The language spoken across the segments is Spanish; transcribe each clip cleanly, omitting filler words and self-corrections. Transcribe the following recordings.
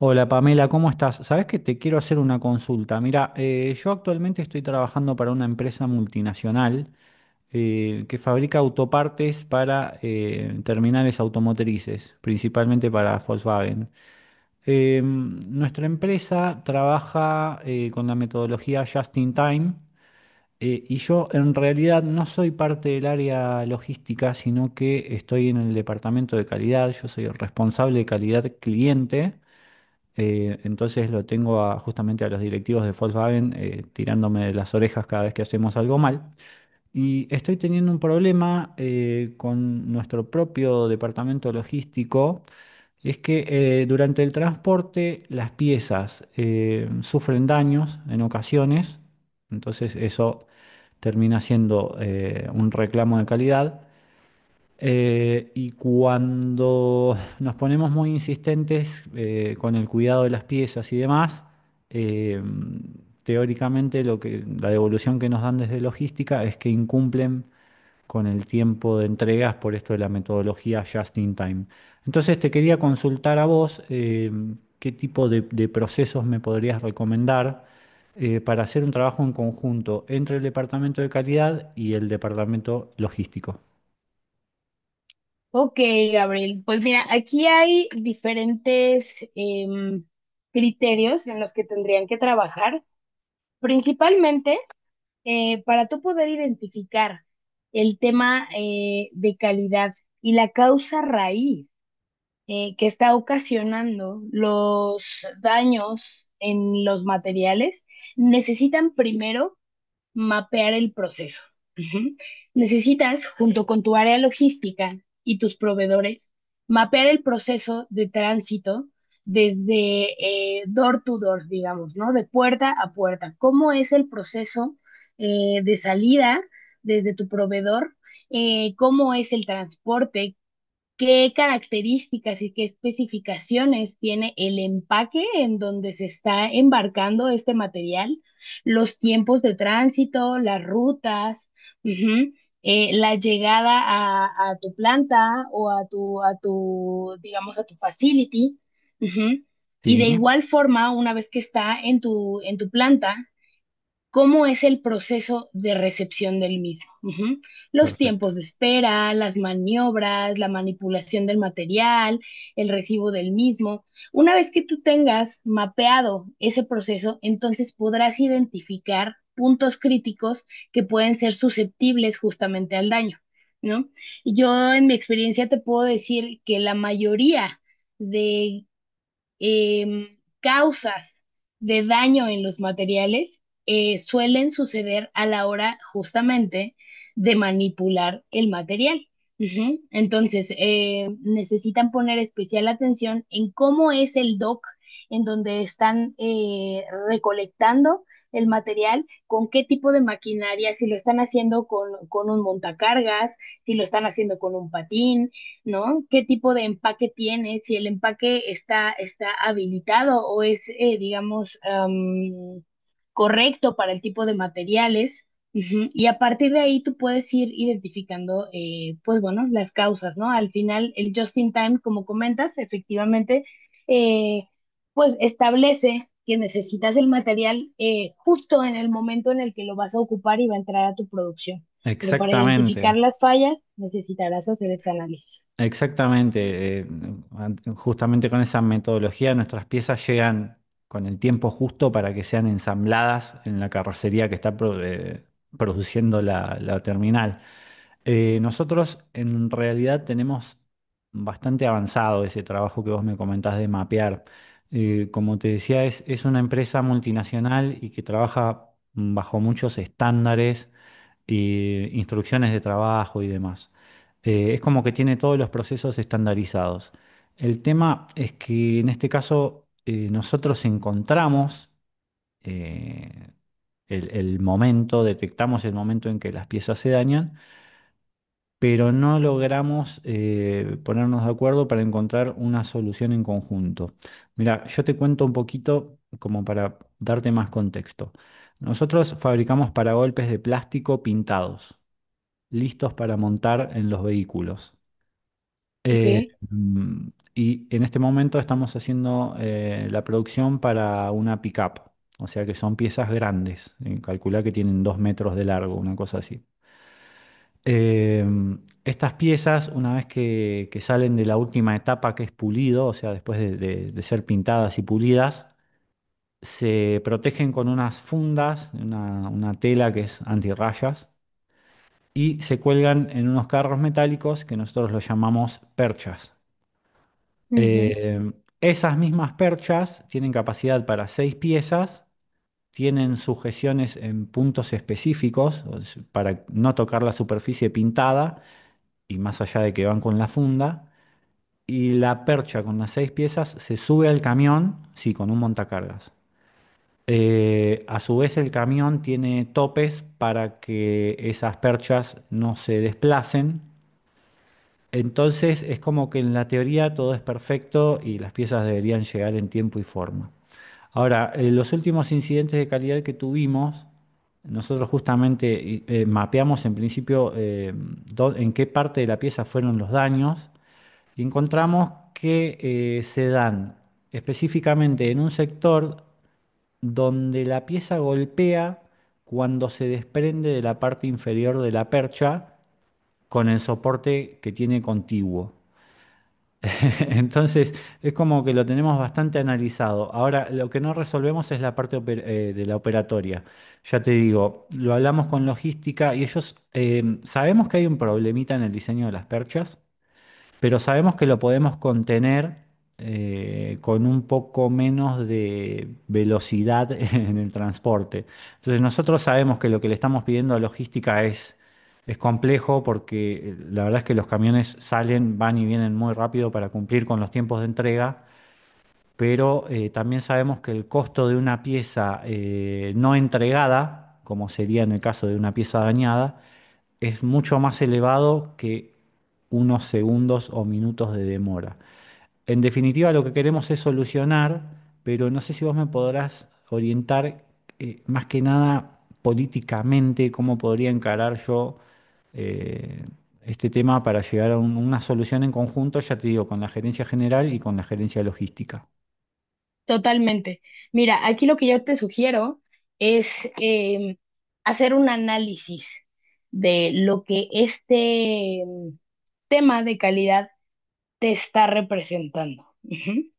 Hola Pamela, ¿cómo estás? Sabes que te quiero hacer una consulta. Mira, yo actualmente estoy trabajando para una empresa multinacional que fabrica autopartes para terminales automotrices, principalmente para Volkswagen. Nuestra empresa trabaja con la metodología Just in Time y yo en realidad no soy parte del área logística, sino que estoy en el departamento de calidad. Yo soy el responsable de calidad cliente. Entonces lo tengo justamente a los directivos de Volkswagen tirándome de las orejas cada vez que hacemos algo mal. Y estoy teniendo un problema con nuestro propio departamento logístico. Es que durante el transporte las piezas sufren daños en ocasiones, entonces eso termina siendo un reclamo de calidad. Y cuando nos ponemos muy insistentes con el cuidado de las piezas y demás, eh, teóricamente la devolución que nos dan desde logística es que incumplen con el tiempo de entregas por esto de la metodología just in time. Entonces te quería consultar a vos, qué tipo de procesos me podrías recomendar para hacer un trabajo en conjunto entre el departamento de calidad y el departamento logístico. Ok, Gabriel. Pues mira, aquí hay diferentes criterios en los que tendrían que trabajar, principalmente para tú poder identificar el tema de calidad y la causa raíz que está ocasionando los daños en los materiales. Necesitan primero mapear el proceso. Ujú. Necesitas, junto con tu área logística y tus proveedores, mapear el proceso de tránsito desde door to door, digamos, ¿no? De puerta a puerta. ¿Cómo es el proceso de salida desde tu proveedor? ¿Cómo es el transporte? ¿Qué características y qué especificaciones tiene el empaque en donde se está embarcando este material? Los tiempos de tránsito, las rutas, ujú, la llegada a tu planta o a tu, digamos, a tu facility, ujú. Y de Sí. igual forma, una vez que está en tu planta, cómo es el proceso de recepción del mismo. Ujú. Los Perfecto. tiempos de espera, las maniobras, la manipulación del material, el recibo del mismo. Una vez que tú tengas mapeado ese proceso, entonces podrás identificar puntos críticos que pueden ser susceptibles justamente al daño, ¿no? Yo en mi experiencia te puedo decir que la mayoría de causas de daño en los materiales suelen suceder a la hora justamente de manipular el material. Ujú. Entonces, necesitan poner especial atención en cómo es el dock en donde están recolectando el material, con qué tipo de maquinaria, si lo están haciendo con un montacargas, si lo están haciendo con un patín, ¿no? ¿Qué tipo de empaque tiene? Si el empaque está, está habilitado o es, digamos, correcto para el tipo de materiales. Ujú. Y a partir de ahí tú puedes ir identificando, pues bueno, las causas, ¿no? Al final, el just in time, como comentas, efectivamente, eh, pues establece que necesitas el material justo en el momento en el que lo vas a ocupar y va a entrar a tu producción. Pero para Exactamente, identificar las fallas necesitarás hacer este análisis. exactamente. Justamente con esa metodología nuestras piezas llegan con el tiempo justo para que sean ensambladas en la carrocería que está produciendo la terminal. Nosotros en realidad tenemos bastante avanzado ese trabajo que vos me comentás de mapear. Como te decía, es una empresa multinacional y que trabaja bajo muchos estándares y instrucciones de trabajo y demás. Es como que tiene todos los procesos estandarizados. El tema es que en este caso nosotros encontramos, eh, el momento, detectamos el momento en que las piezas se dañan, pero no logramos ponernos de acuerdo para encontrar una solución en conjunto. Mira, yo te cuento un poquito como para darte más contexto. Nosotros fabricamos paragolpes de plástico pintados listos para montar en los vehículos. Ok, Eh, mm, y en este momento estamos haciendo la producción para una pickup, o sea que son piezas grandes. Calculá que tienen 2 metros de largo, una cosa así. Eh, Estas piezas, una vez que salen de la última etapa, que es pulido, o sea, después de, de ser pintadas y pulidas, se protegen con unas fundas, una tela que es antirrayas, y se cuelgan en unos carros metálicos que nosotros los llamamos perchas. ujú. Eh, Esas mismas perchas tienen capacidad para 6 piezas, tienen sujeciones en puntos específicos para no tocar la superficie pintada, y más allá de que van con la funda. Y la percha con las 6 piezas se sube al camión, sí, con un montacargas. A su vez, el camión tiene topes para que esas perchas no se desplacen. Entonces es como que en la teoría todo es perfecto y las piezas deberían llegar en tiempo y forma. Ahora, los últimos incidentes de calidad que tuvimos, nosotros justamente mapeamos en principio, en qué parte de la pieza fueron los daños, y encontramos que se dan específicamente en un sector donde la pieza golpea cuando se desprende de la parte inferior de la percha con el soporte que tiene contiguo. Entonces, es como que lo tenemos bastante analizado. Ahora, lo que no resolvemos es la parte de la operatoria. Ya te digo, lo hablamos con logística y ellos, sabemos que hay un problemita en el diseño de las perchas, pero sabemos que lo podemos contener con un poco menos de velocidad en el transporte. Entonces nosotros sabemos que lo que le estamos pidiendo a logística es complejo, porque la verdad es que los camiones salen, van y vienen muy rápido para cumplir con los tiempos de entrega. Pero también sabemos que el costo de una pieza no entregada, como sería en el caso de una pieza dañada, es mucho más elevado que unos segundos o minutos de demora. En definitiva, lo que queremos es solucionar, pero no sé si vos me podrás orientar más que nada políticamente cómo podría encarar yo eh, este tema para llegar a una solución en conjunto, ya te digo, con la gerencia general y con la gerencia logística. Totalmente. Mira, aquí lo que yo te sugiero es em, hacer un análisis de lo que este tema de calidad te está representando. Ujú.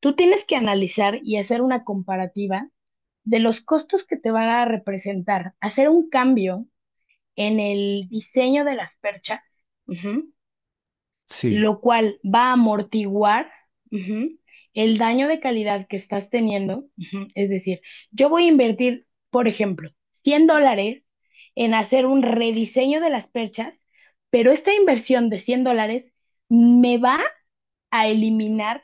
Tú tienes que analizar y hacer una comparativa de los costos que te van a representar, hacer un cambio en el diseño de las perchas. Ujú, Sí, lo cual va a amortiguar, ujú, el daño de calidad que estás teniendo. Ujú. Es decir, yo voy a invertir, por ejemplo, $100 en hacer un rediseño de las perchas, pero esta inversión de $100 me va a eliminar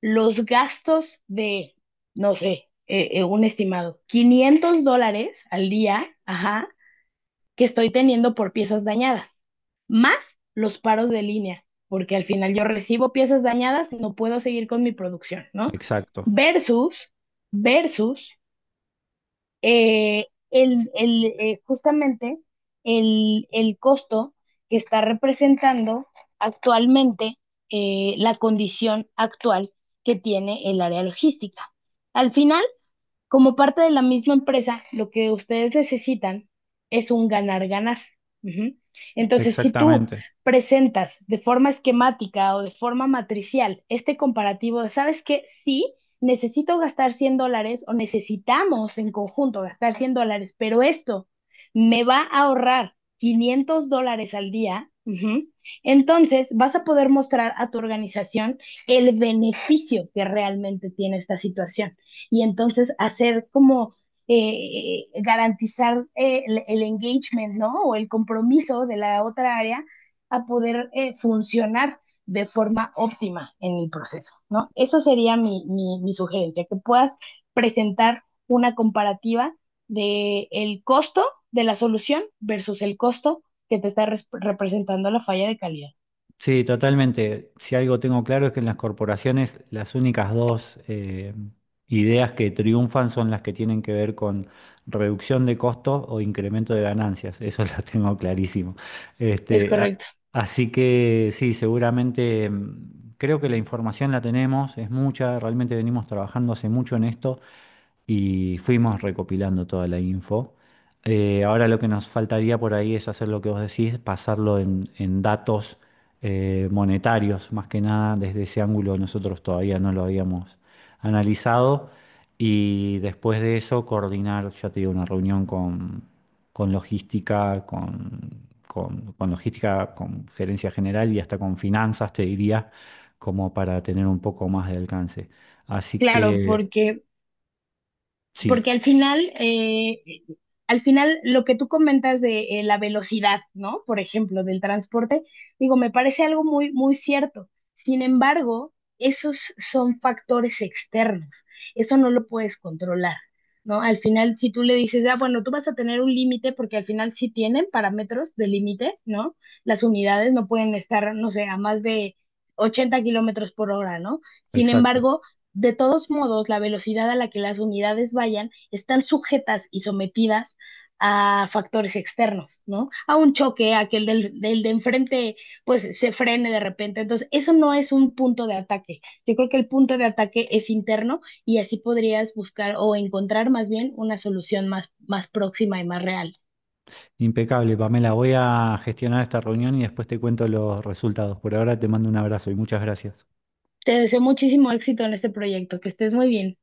los gastos de, no sé, un estimado, $500 al día, ajá, que estoy teniendo por piezas dañadas, más los paros de línea, porque al final yo recibo piezas dañadas, no puedo seguir con mi producción, ¿no? exacto, Versus, versus, justamente el costo que está representando actualmente la condición actual que tiene el área logística. Al final, como parte de la misma empresa, lo que ustedes necesitan es un ganar-ganar. Ujú. Entonces, si tú exactamente. presentas de forma esquemática o de forma matricial este comparativo de, ¿sabes qué? Sí, necesito gastar $100 o necesitamos en conjunto gastar $100, pero esto me va a ahorrar $500 al día. Ujú. Entonces, vas a poder mostrar a tu organización el beneficio que realmente tiene esta situación y entonces hacer como garantizar engagement, ¿no? O el compromiso de la otra área a poder funcionar de forma óptima en el proceso, ¿no? Eso sería mi, mi, mi sugerencia, que puedas presentar una comparativa de el costo de la solución versus el costo que te está representando la falla de calidad. Sí, totalmente. Si algo tengo claro es que en las corporaciones las únicas dos ideas que triunfan son las que tienen que ver con reducción de costos o incremento de ganancias. Eso lo tengo clarísimo. Es Este, a- correcto. Así que sí, seguramente, creo que la información la tenemos, es mucha, realmente venimos trabajando hace mucho en esto y fuimos recopilando toda la info. Ahora lo que nos faltaría por ahí es hacer lo que vos decís, pasarlo en datos monetarios. Más que nada desde ese ángulo nosotros todavía no lo habíamos analizado, y después de eso coordinar, ya te digo, una reunión con logística, con, con logística, con gerencia general y hasta con finanzas, te diría, como para tener un poco más de alcance. Así Claro, que porque sí. porque al final lo que tú comentas de la velocidad, ¿no? Por ejemplo, del transporte, digo, me parece algo muy, muy cierto. Sin embargo, esos son factores externos, eso no lo puedes controlar, ¿no? Al final, si tú le dices, ah, bueno, tú vas a tener un límite, porque al final sí tienen parámetros de límite, ¿no? Las unidades no pueden estar, no sé, a más de 80 km/h, ¿no? Sin Exacto. embargo, de todos modos, la velocidad a la que las unidades vayan están sujetas y sometidas a factores externos, ¿no? A un choque, a que el del de enfrente pues se frene de repente. Entonces, eso no es un punto de ataque. Yo creo que el punto de ataque es interno y así podrías buscar o encontrar más bien una solución más, más próxima y más real. Impecable, Pamela. Voy a gestionar esta reunión y después te cuento los resultados. Por ahora te mando un abrazo y muchas gracias. Te deseo muchísimo éxito en este proyecto, que estés muy bien.